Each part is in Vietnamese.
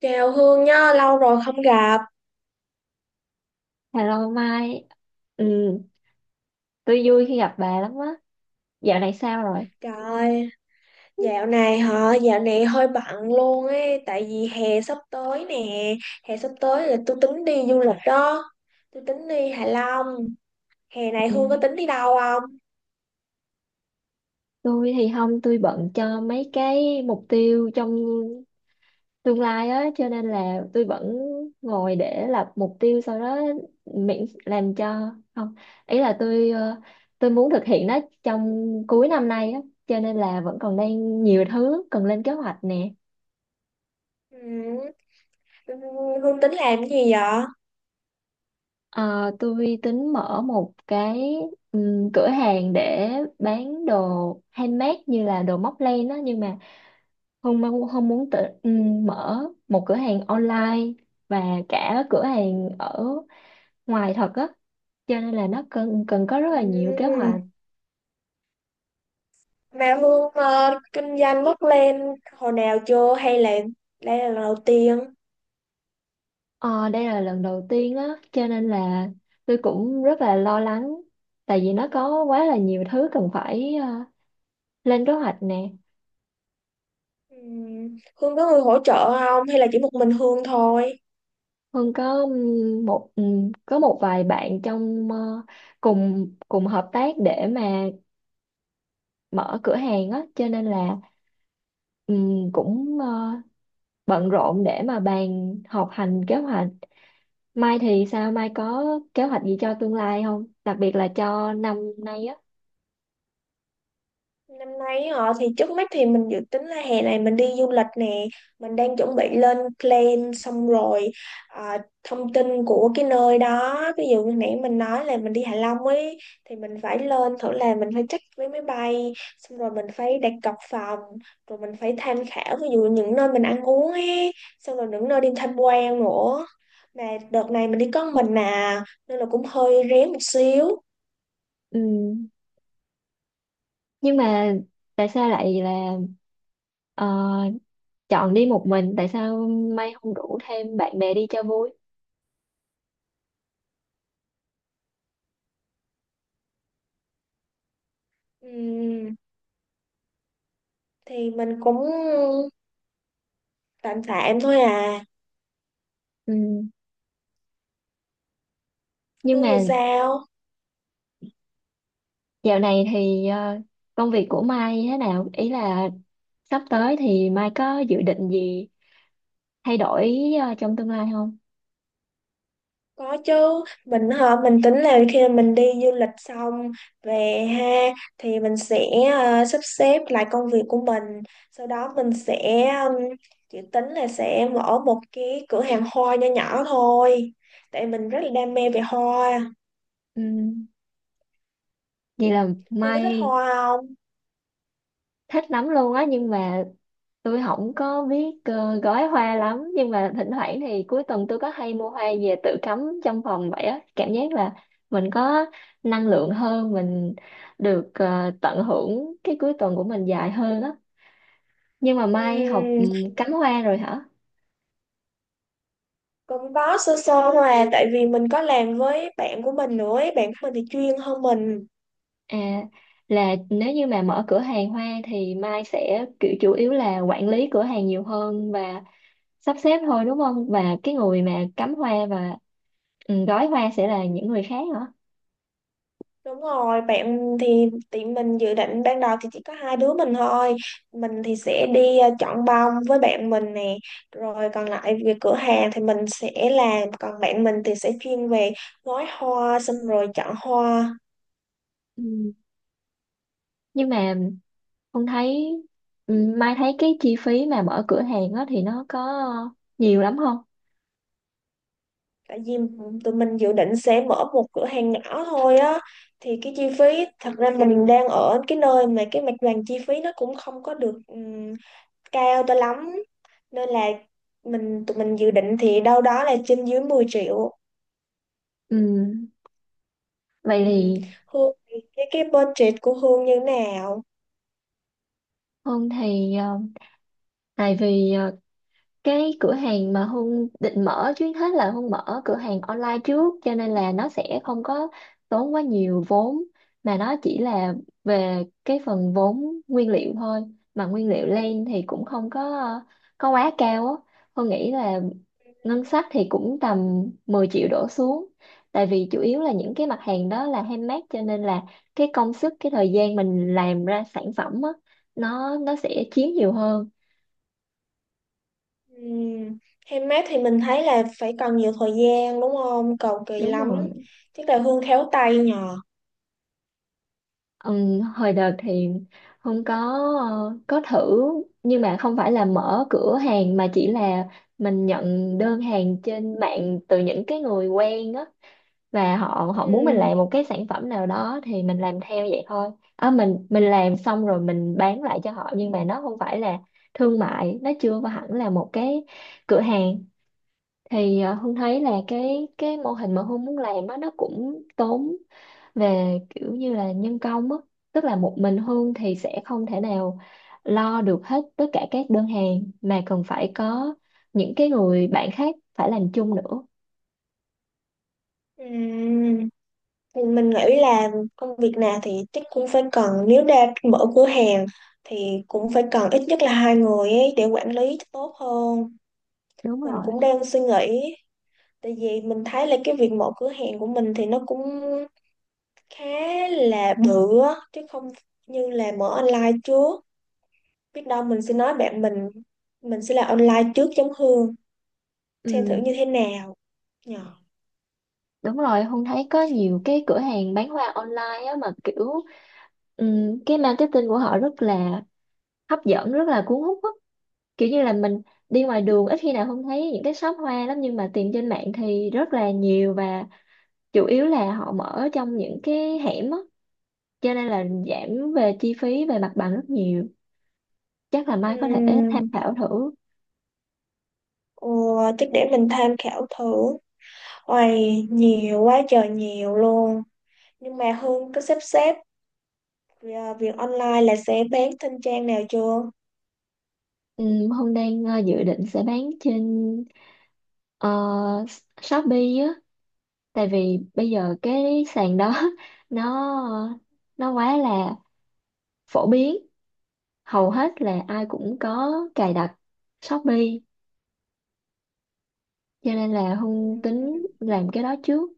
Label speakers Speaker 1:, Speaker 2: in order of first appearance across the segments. Speaker 1: Chào Hương nhá, lâu rồi không gặp.
Speaker 2: Hello Mai, ừ, tôi vui khi gặp bà lắm á. Dạo này sao rồi?
Speaker 1: Trời, dạo này hơi bận luôn ấy, tại vì hè sắp tới nè, hè sắp tới là tôi tính đi du lịch đó, tôi tính đi Hạ Long. Hè này
Speaker 2: Ừ.
Speaker 1: Hương có tính đi đâu không?
Speaker 2: Tôi thì không, tôi bận cho mấy cái mục tiêu trong tương lai á, cho nên là tôi vẫn ngồi để lập mục tiêu sau đó miễn làm cho không. Ý là tôi muốn thực hiện nó trong cuối năm nay á, cho nên là vẫn còn đang nhiều thứ cần lên kế hoạch nè.
Speaker 1: Ừ, Hương tính làm cái gì vậy?
Speaker 2: Ờ, tôi tính mở một cái cửa hàng để bán đồ handmade như là đồ móc len đó, nhưng mà không muốn tự mở một cửa hàng online và cả cửa hàng ở ngoài thật á, cho nên là nó cần cần có rất là nhiều kế
Speaker 1: Ừ,
Speaker 2: hoạch.
Speaker 1: mà Hương kinh doanh mất lên hồi nào chưa hay là đây là lần đầu tiên?
Speaker 2: Ờ, Đây là lần đầu tiên á, cho nên là tôi cũng rất là lo lắng, tại vì nó có quá là nhiều thứ cần phải lên kế hoạch nè.
Speaker 1: Ừ, Hương có người hỗ trợ không hay là chỉ một mình Hương thôi?
Speaker 2: Hương có một có một vài bạn cùng cùng hợp tác để mà mở cửa hàng á, cho nên là cũng bận rộn để mà bàn họp hành kế hoạch. Mai thì sao? Mai có kế hoạch gì cho tương lai không? Đặc biệt là cho năm nay á.
Speaker 1: Năm nay họ thì trước mắt thì mình dự tính là hè này mình đi du lịch nè, mình đang chuẩn bị lên plan xong rồi à, thông tin của cái nơi đó, ví dụ như nãy mình nói là mình đi Hạ Long ấy thì mình phải lên thử là mình phải check vé máy bay, xong rồi mình phải đặt cọc phòng, rồi mình phải tham khảo ví dụ những nơi mình ăn uống ấy, xong rồi những nơi đi tham quan nữa. Mà đợt này mình đi có mình à, nên là cũng hơi rén một xíu.
Speaker 2: Ừm, Nhưng mà tại sao lại là ờ, chọn đi một mình? Tại sao Mai không rủ thêm bạn bè đi cho vui?
Speaker 1: Ừm, thì mình cũng tạm tạm thôi à.
Speaker 2: Ừm, Nhưng
Speaker 1: Hương thì
Speaker 2: mà
Speaker 1: sao?
Speaker 2: dạo này thì công việc của Mai thế nào? Ý là sắp tới thì Mai có dự định gì thay đổi trong tương lai không?
Speaker 1: Có chứ, mình hả, mình tính là khi mà mình đi du lịch xong về ha thì mình sẽ sắp xếp lại công việc của mình, sau đó mình sẽ chỉ tính là sẽ mở một cái cửa hàng hoa nho nhỏ thôi, tại mình rất là đam mê về hoa.
Speaker 2: Ừm, Vậy là
Speaker 1: Hương có thích
Speaker 2: Mai
Speaker 1: hoa không?
Speaker 2: thích lắm luôn á, nhưng mà tôi không có biết gói hoa lắm, nhưng mà thỉnh thoảng thì cuối tuần tôi có hay mua hoa về tự cắm trong phòng vậy á, cảm giác là mình có năng lượng hơn, mình được tận hưởng cái cuối tuần của mình dài hơn á. Nhưng mà Mai học
Speaker 1: Ừm,
Speaker 2: ừm, cắm hoa rồi hả?
Speaker 1: cũng có sơ sơ thôi à, tại vì mình có làm với bạn của mình nữa ấy. Bạn của mình thì chuyên hơn mình.
Speaker 2: À, là nếu như mà mở cửa hàng hoa thì Mai sẽ kiểu chủ yếu là quản lý cửa hàng nhiều hơn và sắp xếp thôi, đúng không? Và cái người mà cắm hoa và gói hoa sẽ là những người khác hả?
Speaker 1: Đúng rồi, bạn thì tụi mình dự định ban đầu thì chỉ có hai đứa mình thôi. Mình thì sẽ đi chọn bông với bạn mình nè. Rồi còn lại về cửa hàng thì mình sẽ làm. Còn bạn mình thì sẽ chuyên về gói hoa xong rồi chọn hoa.
Speaker 2: Ừ. Nhưng mà không thấy, Mai thấy cái chi phí mà mở cửa hàng đó thì nó có nhiều lắm không?
Speaker 1: Tại vì tụi mình dự định sẽ mở một cửa hàng nhỏ thôi á. Thì cái chi phí, thật ra mình đang ở cái nơi mà cái mặt bằng chi phí nó cũng không có được cao cho lắm. Nên là tụi mình dự định thì đâu đó là trên dưới 10 triệu.
Speaker 2: Ừ. Vậy
Speaker 1: Ừ.
Speaker 2: thì
Speaker 1: Hương thì cái budget của Hương như nào?
Speaker 2: không, tại vì cái cửa hàng mà Hương định mở, trước hết là Hương mở cửa hàng online trước, cho nên là nó sẽ không có tốn quá nhiều vốn, mà nó chỉ là về cái phần vốn nguyên liệu thôi, mà nguyên liệu lên thì cũng không có quá cao á. Hương nghĩ là ngân sách thì cũng tầm 10 triệu đổ xuống, tại vì chủ yếu là những cái mặt hàng đó là handmade, cho nên là cái công sức, cái thời gian mình làm ra sản phẩm á, nó sẽ chiếm nhiều hơn.
Speaker 1: Ừ. Handmade thì mình thấy là phải cần nhiều thời gian đúng không? Cầu kỳ
Speaker 2: Đúng
Speaker 1: lắm.
Speaker 2: rồi.
Speaker 1: Chắc là Hương khéo tay nhờ.
Speaker 2: Hồi đợt thì không có, có thử nhưng mà không phải là mở cửa hàng, mà chỉ là mình nhận đơn hàng trên mạng từ những cái người quen á, và họ họ muốn mình
Speaker 1: Ừ.
Speaker 2: làm một cái sản phẩm nào đó thì mình làm theo vậy thôi. À, mình làm xong rồi mình bán lại cho họ, nhưng mà nó không phải là thương mại, nó chưa có hẳn là một cái cửa hàng. Hương thấy là cái mô hình mà Hương muốn làm á, nó cũng tốn về kiểu như là nhân công á, tức là một mình Hương thì sẽ không thể nào lo được hết tất cả các đơn hàng, mà cần phải có những cái người bạn khác phải làm chung nữa.
Speaker 1: Ừ. Thì mình nghĩ là công việc nào thì chắc cũng phải cần, nếu đã mở cửa hàng thì cũng phải cần ít nhất là hai người ấy để quản lý cho tốt hơn.
Speaker 2: Đúng
Speaker 1: Mình
Speaker 2: rồi.
Speaker 1: cũng đang suy nghĩ, tại vì mình thấy là cái việc mở cửa hàng của mình thì nó cũng khá là bự á, chứ không như là mở online trước. Biết đâu mình sẽ nói bạn mình sẽ làm online trước giống Hương,
Speaker 2: ừ,
Speaker 1: xem thử như thế nào nhờ.
Speaker 2: Đúng rồi. Hương thấy có nhiều cái cửa hàng bán hoa online á, mà kiểu ừ, cái marketing của họ rất là hấp dẫn, rất là cuốn hút á. Kiểu như là mình đi ngoài đường ít khi nào Hương thấy những cái shop hoa lắm, nhưng mà tìm trên mạng thì rất là nhiều, và chủ yếu là họ mở trong những cái hẻm á, cho nên là giảm về chi phí về mặt bằng rất nhiều. Chắc là Mai có thể tham
Speaker 1: Ừm,
Speaker 2: khảo thử.
Speaker 1: ờ, chắc để mình tham khảo thử. Ôi, nhiều quá trời nhiều luôn, nhưng mà Hương có sắp xếp à, việc online là sẽ bán trên trang nào chưa?
Speaker 2: Hương đang dự định sẽ bán trên ờ, Shopee á, tại vì bây giờ cái sàn đó nó nó quá là phổ biến, hầu hết là ai cũng có cài đặt Shopee, cho nên là Hương
Speaker 1: Ừm,
Speaker 2: tính làm cái đó trước.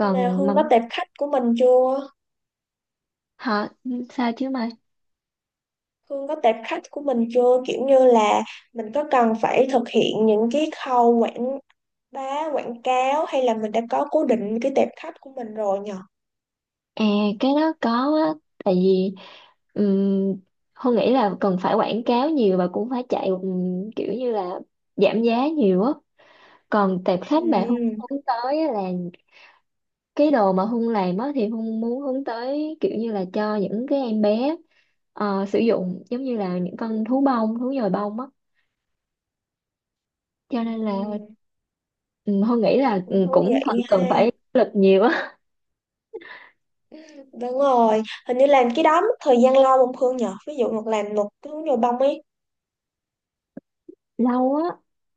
Speaker 1: nhưng mà
Speaker 2: mà
Speaker 1: Hương có tệp khách của mình chưa?
Speaker 2: hả, sao chứ mà.
Speaker 1: Hương có tệp khách của mình chưa? Kiểu như là mình có cần phải thực hiện những cái khâu quảng bá, quảng cáo hay là mình đã có cố định cái tệp khách của mình rồi nhờ?
Speaker 2: À, cái đó có á, tại vì um, Hương nghĩ là cần phải quảng cáo nhiều, và cũng phải chạy kiểu như là giảm giá nhiều á. Còn tệp khách mà Hương
Speaker 1: Ừ,
Speaker 2: hướng tới á, là cái đồ mà Hương làm á, thì Hương muốn hướng tới kiểu như là cho những cái em bé sử dụng, giống như là những con thú bông, thú nhồi bông á. Cho
Speaker 1: ừ,
Speaker 2: nên là Hương nghĩ là
Speaker 1: cũng thú
Speaker 2: cũng phần
Speaker 1: vị ha.
Speaker 2: cần phải lực nhiều á.
Speaker 1: Đúng rồi, hình như làm cái đó mất thời gian lâu không Hương nhờ? Ví dụ làm một cái hướng nhồi bông ấy.
Speaker 2: Lâu á.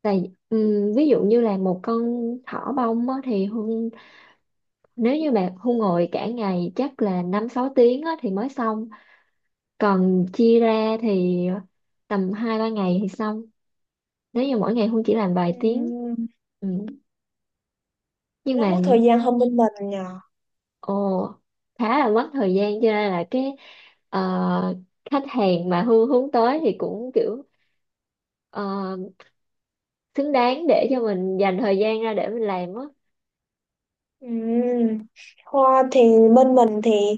Speaker 2: Tại ví dụ như là một con thỏ bông á thì Hương, nếu như bạn thu ngồi cả ngày chắc là năm sáu tiếng á, thì mới xong. Còn chia ra thì tầm hai ba ngày thì xong. Nếu như mỗi ngày Hương chỉ làm vài
Speaker 1: Ừ,
Speaker 2: tiếng. Ừ. Nhưng
Speaker 1: cái đó
Speaker 2: mà
Speaker 1: mất thời gian hơn bên mình nhờ.
Speaker 2: ồ, khá là mất thời gian, cho nên là cái ờ, khách hàng mà Hương hướng tới thì cũng kiểu ờ, xứng đáng để cho mình dành thời gian ra để mình làm á.
Speaker 1: Ừ. Hoa thì bên mình thì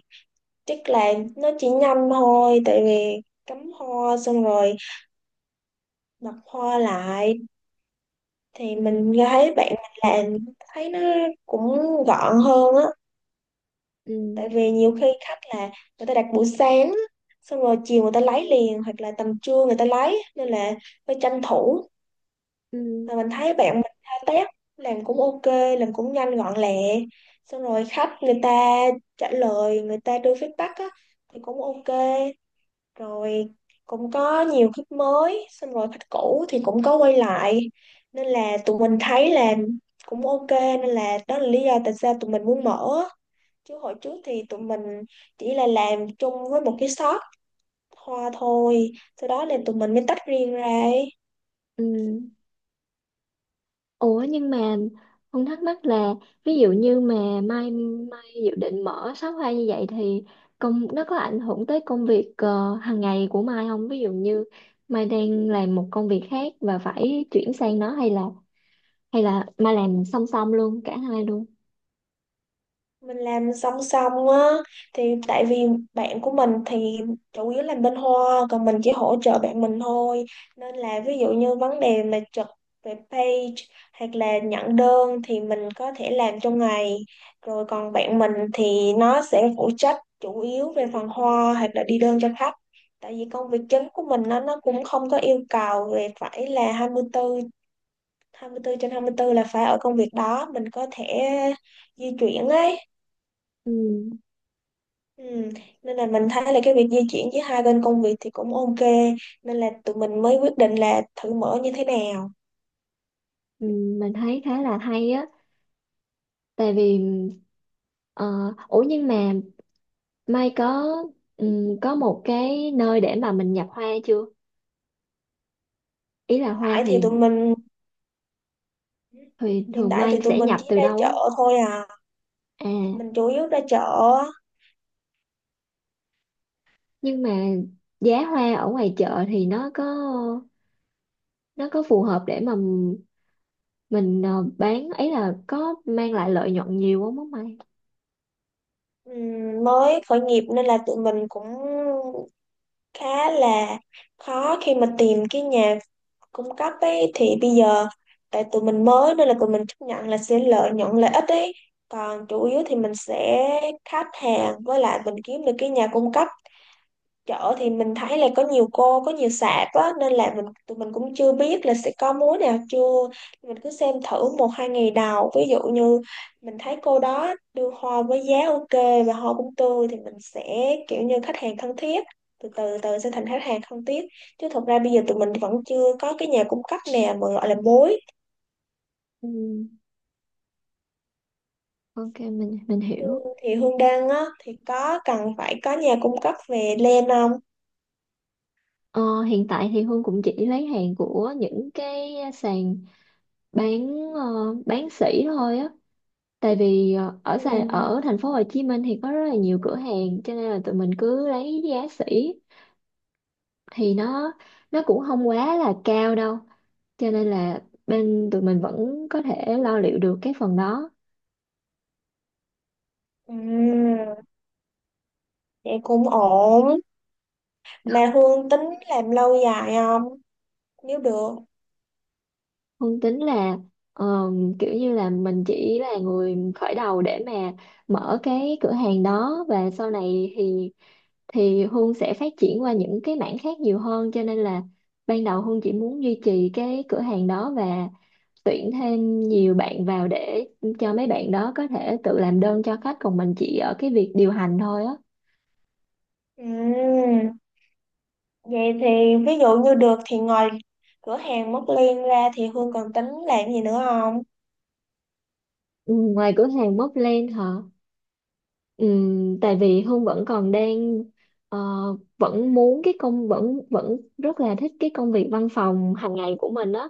Speaker 1: chắc là nó chỉ nhanh thôi, tại vì cắm hoa xong rồi đặt hoa lại thì mình
Speaker 2: Ừ.
Speaker 1: thấy bạn mình làm, thấy nó cũng gọn hơn á,
Speaker 2: Ừ.
Speaker 1: tại vì nhiều khi khách là người ta đặt buổi sáng á, xong rồi chiều người ta lấy liền hoặc là tầm trưa người ta lấy, nên là phải tranh thủ.
Speaker 2: Ừ.
Speaker 1: Mà mình thấy bạn mình thao tác làm cũng ok, làm cũng nhanh gọn lẹ, xong rồi khách người ta trả lời, người ta đưa feedback á thì cũng ok, rồi cũng có nhiều khách mới, xong rồi khách cũ thì cũng có quay lại, nên là tụi mình thấy là cũng ok, nên là đó là lý do tại sao tụi mình muốn mở, chứ hồi trước thì tụi mình chỉ là làm chung với một cái shop hoa thôi, sau đó là tụi mình mới tách riêng ra ấy.
Speaker 2: Ừ. Ủa nhưng mà Hùng thắc mắc là ví dụ như mà mai mai dự định mở shop hoa như vậy thì công nó có ảnh hưởng tới công việc hàng ngày của Mai không? Ví dụ như Mai đang làm một công việc khác và phải chuyển sang nó, hay là Mai làm song song luôn cả hai luôn.
Speaker 1: Mình làm song song á, thì tại vì bạn của mình thì chủ yếu làm bên hoa, còn mình chỉ hỗ trợ bạn mình thôi, nên là ví dụ như vấn đề mà trực về page hoặc là nhận đơn thì mình có thể làm trong ngày, rồi còn bạn mình thì nó sẽ phụ trách chủ yếu về phần hoa hoặc là đi đơn cho khách, tại vì công việc chính của mình nó cũng không có yêu cầu về phải là hai hai mươi tư hai mươi 24 trên 24 là phải ở công việc đó, mình có thể di chuyển ấy.
Speaker 2: Ừ,
Speaker 1: Ừ. Nên là mình thấy là cái việc di chuyển giữa hai bên công việc thì cũng ok, nên là tụi mình mới quyết định là thử mở như thế nào.
Speaker 2: ừ, mình thấy khá là hay á, tại vì ờ, ủa nhưng mà Mai có có một cái nơi để mà mình nhập hoa chưa? Ý là hoa
Speaker 1: Tại thì tụi mình
Speaker 2: thì
Speaker 1: Hiện
Speaker 2: thường
Speaker 1: tại thì
Speaker 2: mai
Speaker 1: tụi
Speaker 2: sẽ
Speaker 1: mình
Speaker 2: nhập
Speaker 1: chỉ
Speaker 2: từ
Speaker 1: ra
Speaker 2: đâu á.
Speaker 1: chợ thôi à,
Speaker 2: À,
Speaker 1: mình chủ yếu ra chợ á.
Speaker 2: nhưng mà giá hoa ở ngoài chợ thì nó có, nó phù hợp để mà mình bán ấy, là có mang lại lợi nhuận nhiều không á mày?
Speaker 1: Ừm, mới khởi nghiệp nên là tụi mình cũng khá là khó khi mà tìm cái nhà cung cấp ấy. Thì bây giờ tại tụi mình mới nên là tụi mình chấp nhận là sẽ lợi nhuận lợi ích ấy, còn chủ yếu thì mình sẽ khách hàng, với lại mình kiếm được cái nhà cung cấp. Chợ thì mình thấy là có nhiều cô, có nhiều sạp á, nên là tụi mình cũng chưa biết là sẽ có múa nào chưa. Mình cứ xem thử một hai ngày đầu, ví dụ như mình thấy cô đó đưa hoa với giá ok và hoa cũng tươi thì mình sẽ kiểu như khách hàng thân thiết, từ từ từ sẽ thành khách hàng thân thiết, chứ thật ra bây giờ tụi mình vẫn chưa có cái nhà cung cấp nào mà gọi là mối.
Speaker 2: Ừ, ok, mình hiểu.
Speaker 1: Hương- thì Hương Đăng á thì có cần phải có nhà cung cấp về len không?
Speaker 2: Ờ, Hiện tại thì Hương cũng chỉ lấy hàng của những cái sàn bán, bán sỉ thôi á, tại vì ở sàn
Speaker 1: Ừ.
Speaker 2: ở thành phố Hồ Chí Minh thì có rất là nhiều cửa hàng, cho nên là tụi mình cứ lấy giá sỉ thì nó cũng không quá là cao đâu, cho nên là bên tụi mình vẫn có thể lo liệu được cái phần đó.
Speaker 1: Ừ. Vậy cũng ổn. Mà Hương tính làm lâu dài không? Nếu được.
Speaker 2: Không, tính là ờ, kiểu như là mình chỉ là người khởi đầu để mà mở cái cửa hàng đó, và sau này thì Hương sẽ phát triển qua những cái mảng khác nhiều hơn, cho nên là ban đầu Hương chỉ muốn duy trì cái cửa hàng đó và tuyển thêm nhiều bạn vào để cho mấy bạn đó có thể tự làm đơn cho khách, còn mình chỉ ở cái việc điều hành thôi á.
Speaker 1: Ừm, Vậy thì ví dụ như được thì ngoài cửa hàng Móc Liên ra thì Hương còn tính làm gì nữa không?
Speaker 2: Ừ, ngoài cửa hàng Mobland hả? Ừ, tại vì Hương vẫn còn đang ờ, vẫn muốn cái công vẫn vẫn rất là thích cái công việc văn phòng hàng ngày của mình á.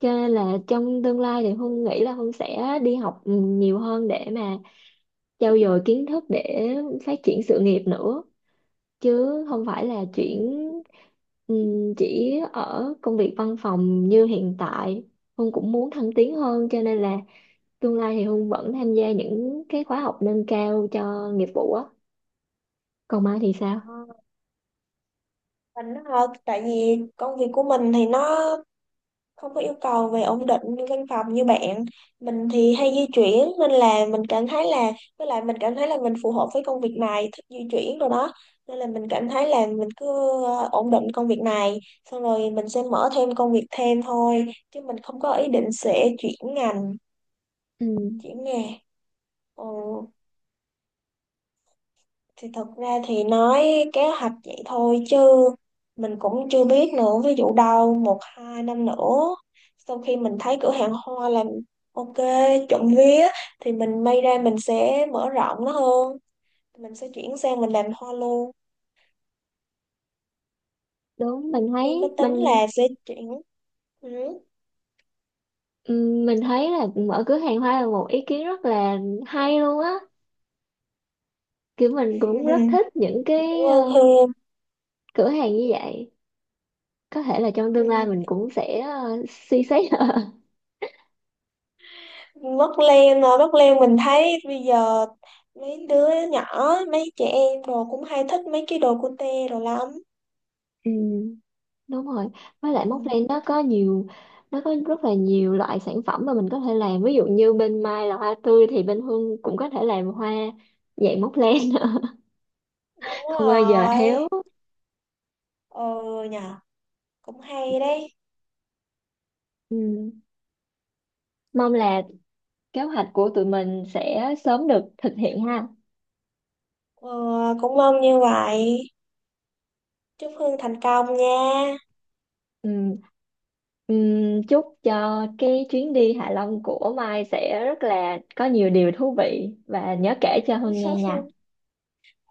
Speaker 2: Cho nên là trong tương lai thì Hương nghĩ là Hương sẽ đi học nhiều hơn để mà trau dồi kiến thức để phát triển sự nghiệp nữa, chứ không phải là
Speaker 1: Ừm,
Speaker 2: chuyển, ừ, chỉ ở công việc văn phòng như hiện tại. Hương cũng muốn thăng tiến hơn, cho nên là tương lai thì Hương vẫn tham gia những cái khóa học nâng cao cho nghiệp vụ á. Còn Mai thì sao?
Speaker 1: ờ, Mình hả? Tại vì công việc của mình thì nó không có yêu cầu về ổn định văn phòng, như bạn mình thì hay di chuyển nên là mình cảm thấy là, với lại mình cảm thấy là mình phù hợp với công việc này, thích di chuyển rồi đó, nên là mình cảm thấy là mình cứ ổn định công việc này, xong rồi mình sẽ mở thêm công việc thêm thôi, chứ mình không có ý định sẽ chuyển ngành,
Speaker 2: Ừ.
Speaker 1: chuyển nghề. Ừ. Thì thật ra thì nói kế hoạch vậy thôi, chứ mình cũng chưa biết nữa. Ví dụ đâu một hai năm nữa, sau khi mình thấy cửa hàng hoa làm ok, trộm vía, thì mình may ra mình sẽ mở rộng nó hơn. Mình sẽ chuyển sang mình làm hoa luôn.
Speaker 2: Đúng, mình
Speaker 1: Hương có
Speaker 2: thấy
Speaker 1: tính
Speaker 2: mình,
Speaker 1: là sẽ chuyển ừ.
Speaker 2: mình thấy là mở cửa hàng hoa là một ý kiến rất là hay luôn á. Kiểu mình cũng
Speaker 1: Cảm
Speaker 2: rất thích những cái
Speaker 1: ơn Hương.
Speaker 2: cửa hàng như vậy, có thể là trong tương lai
Speaker 1: Ừ.
Speaker 2: mình cũng sẽ suy xét.
Speaker 1: Mất Lan mình thấy bây giờ mấy đứa nhỏ, mấy trẻ em đồ cũng hay thích mấy cái đồ cute đồ lắm.
Speaker 2: Ừ. Đúng rồi, với lại Móc,
Speaker 1: Ừ.
Speaker 2: nó có nhiều, nó có rất là nhiều loại sản phẩm mà mình có thể làm, ví dụ như bên Mai là hoa tươi thì bên Hương cũng có thể làm hoa dạng móc len,
Speaker 1: Đúng
Speaker 2: không bao giờ
Speaker 1: rồi.
Speaker 2: héo.
Speaker 1: Ừ nhờ, cũng hay đấy.
Speaker 2: Ừ. Mong là kế hoạch của tụi mình sẽ sớm được thực hiện ha.
Speaker 1: Ừ, cũng mong như vậy. Chúc Hương thành công nha.
Speaker 2: Ừ. Ừ. Chúc cho cái chuyến đi Hạ Long của Mai sẽ rất là có nhiều điều thú vị, và nhớ kể cho Hương nghe nha.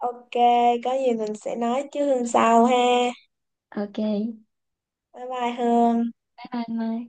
Speaker 1: Ok, có gì mình sẽ nói chứ Hương sau ha.
Speaker 2: Ok,
Speaker 1: Bye bye Hương.
Speaker 2: bye bye Mai.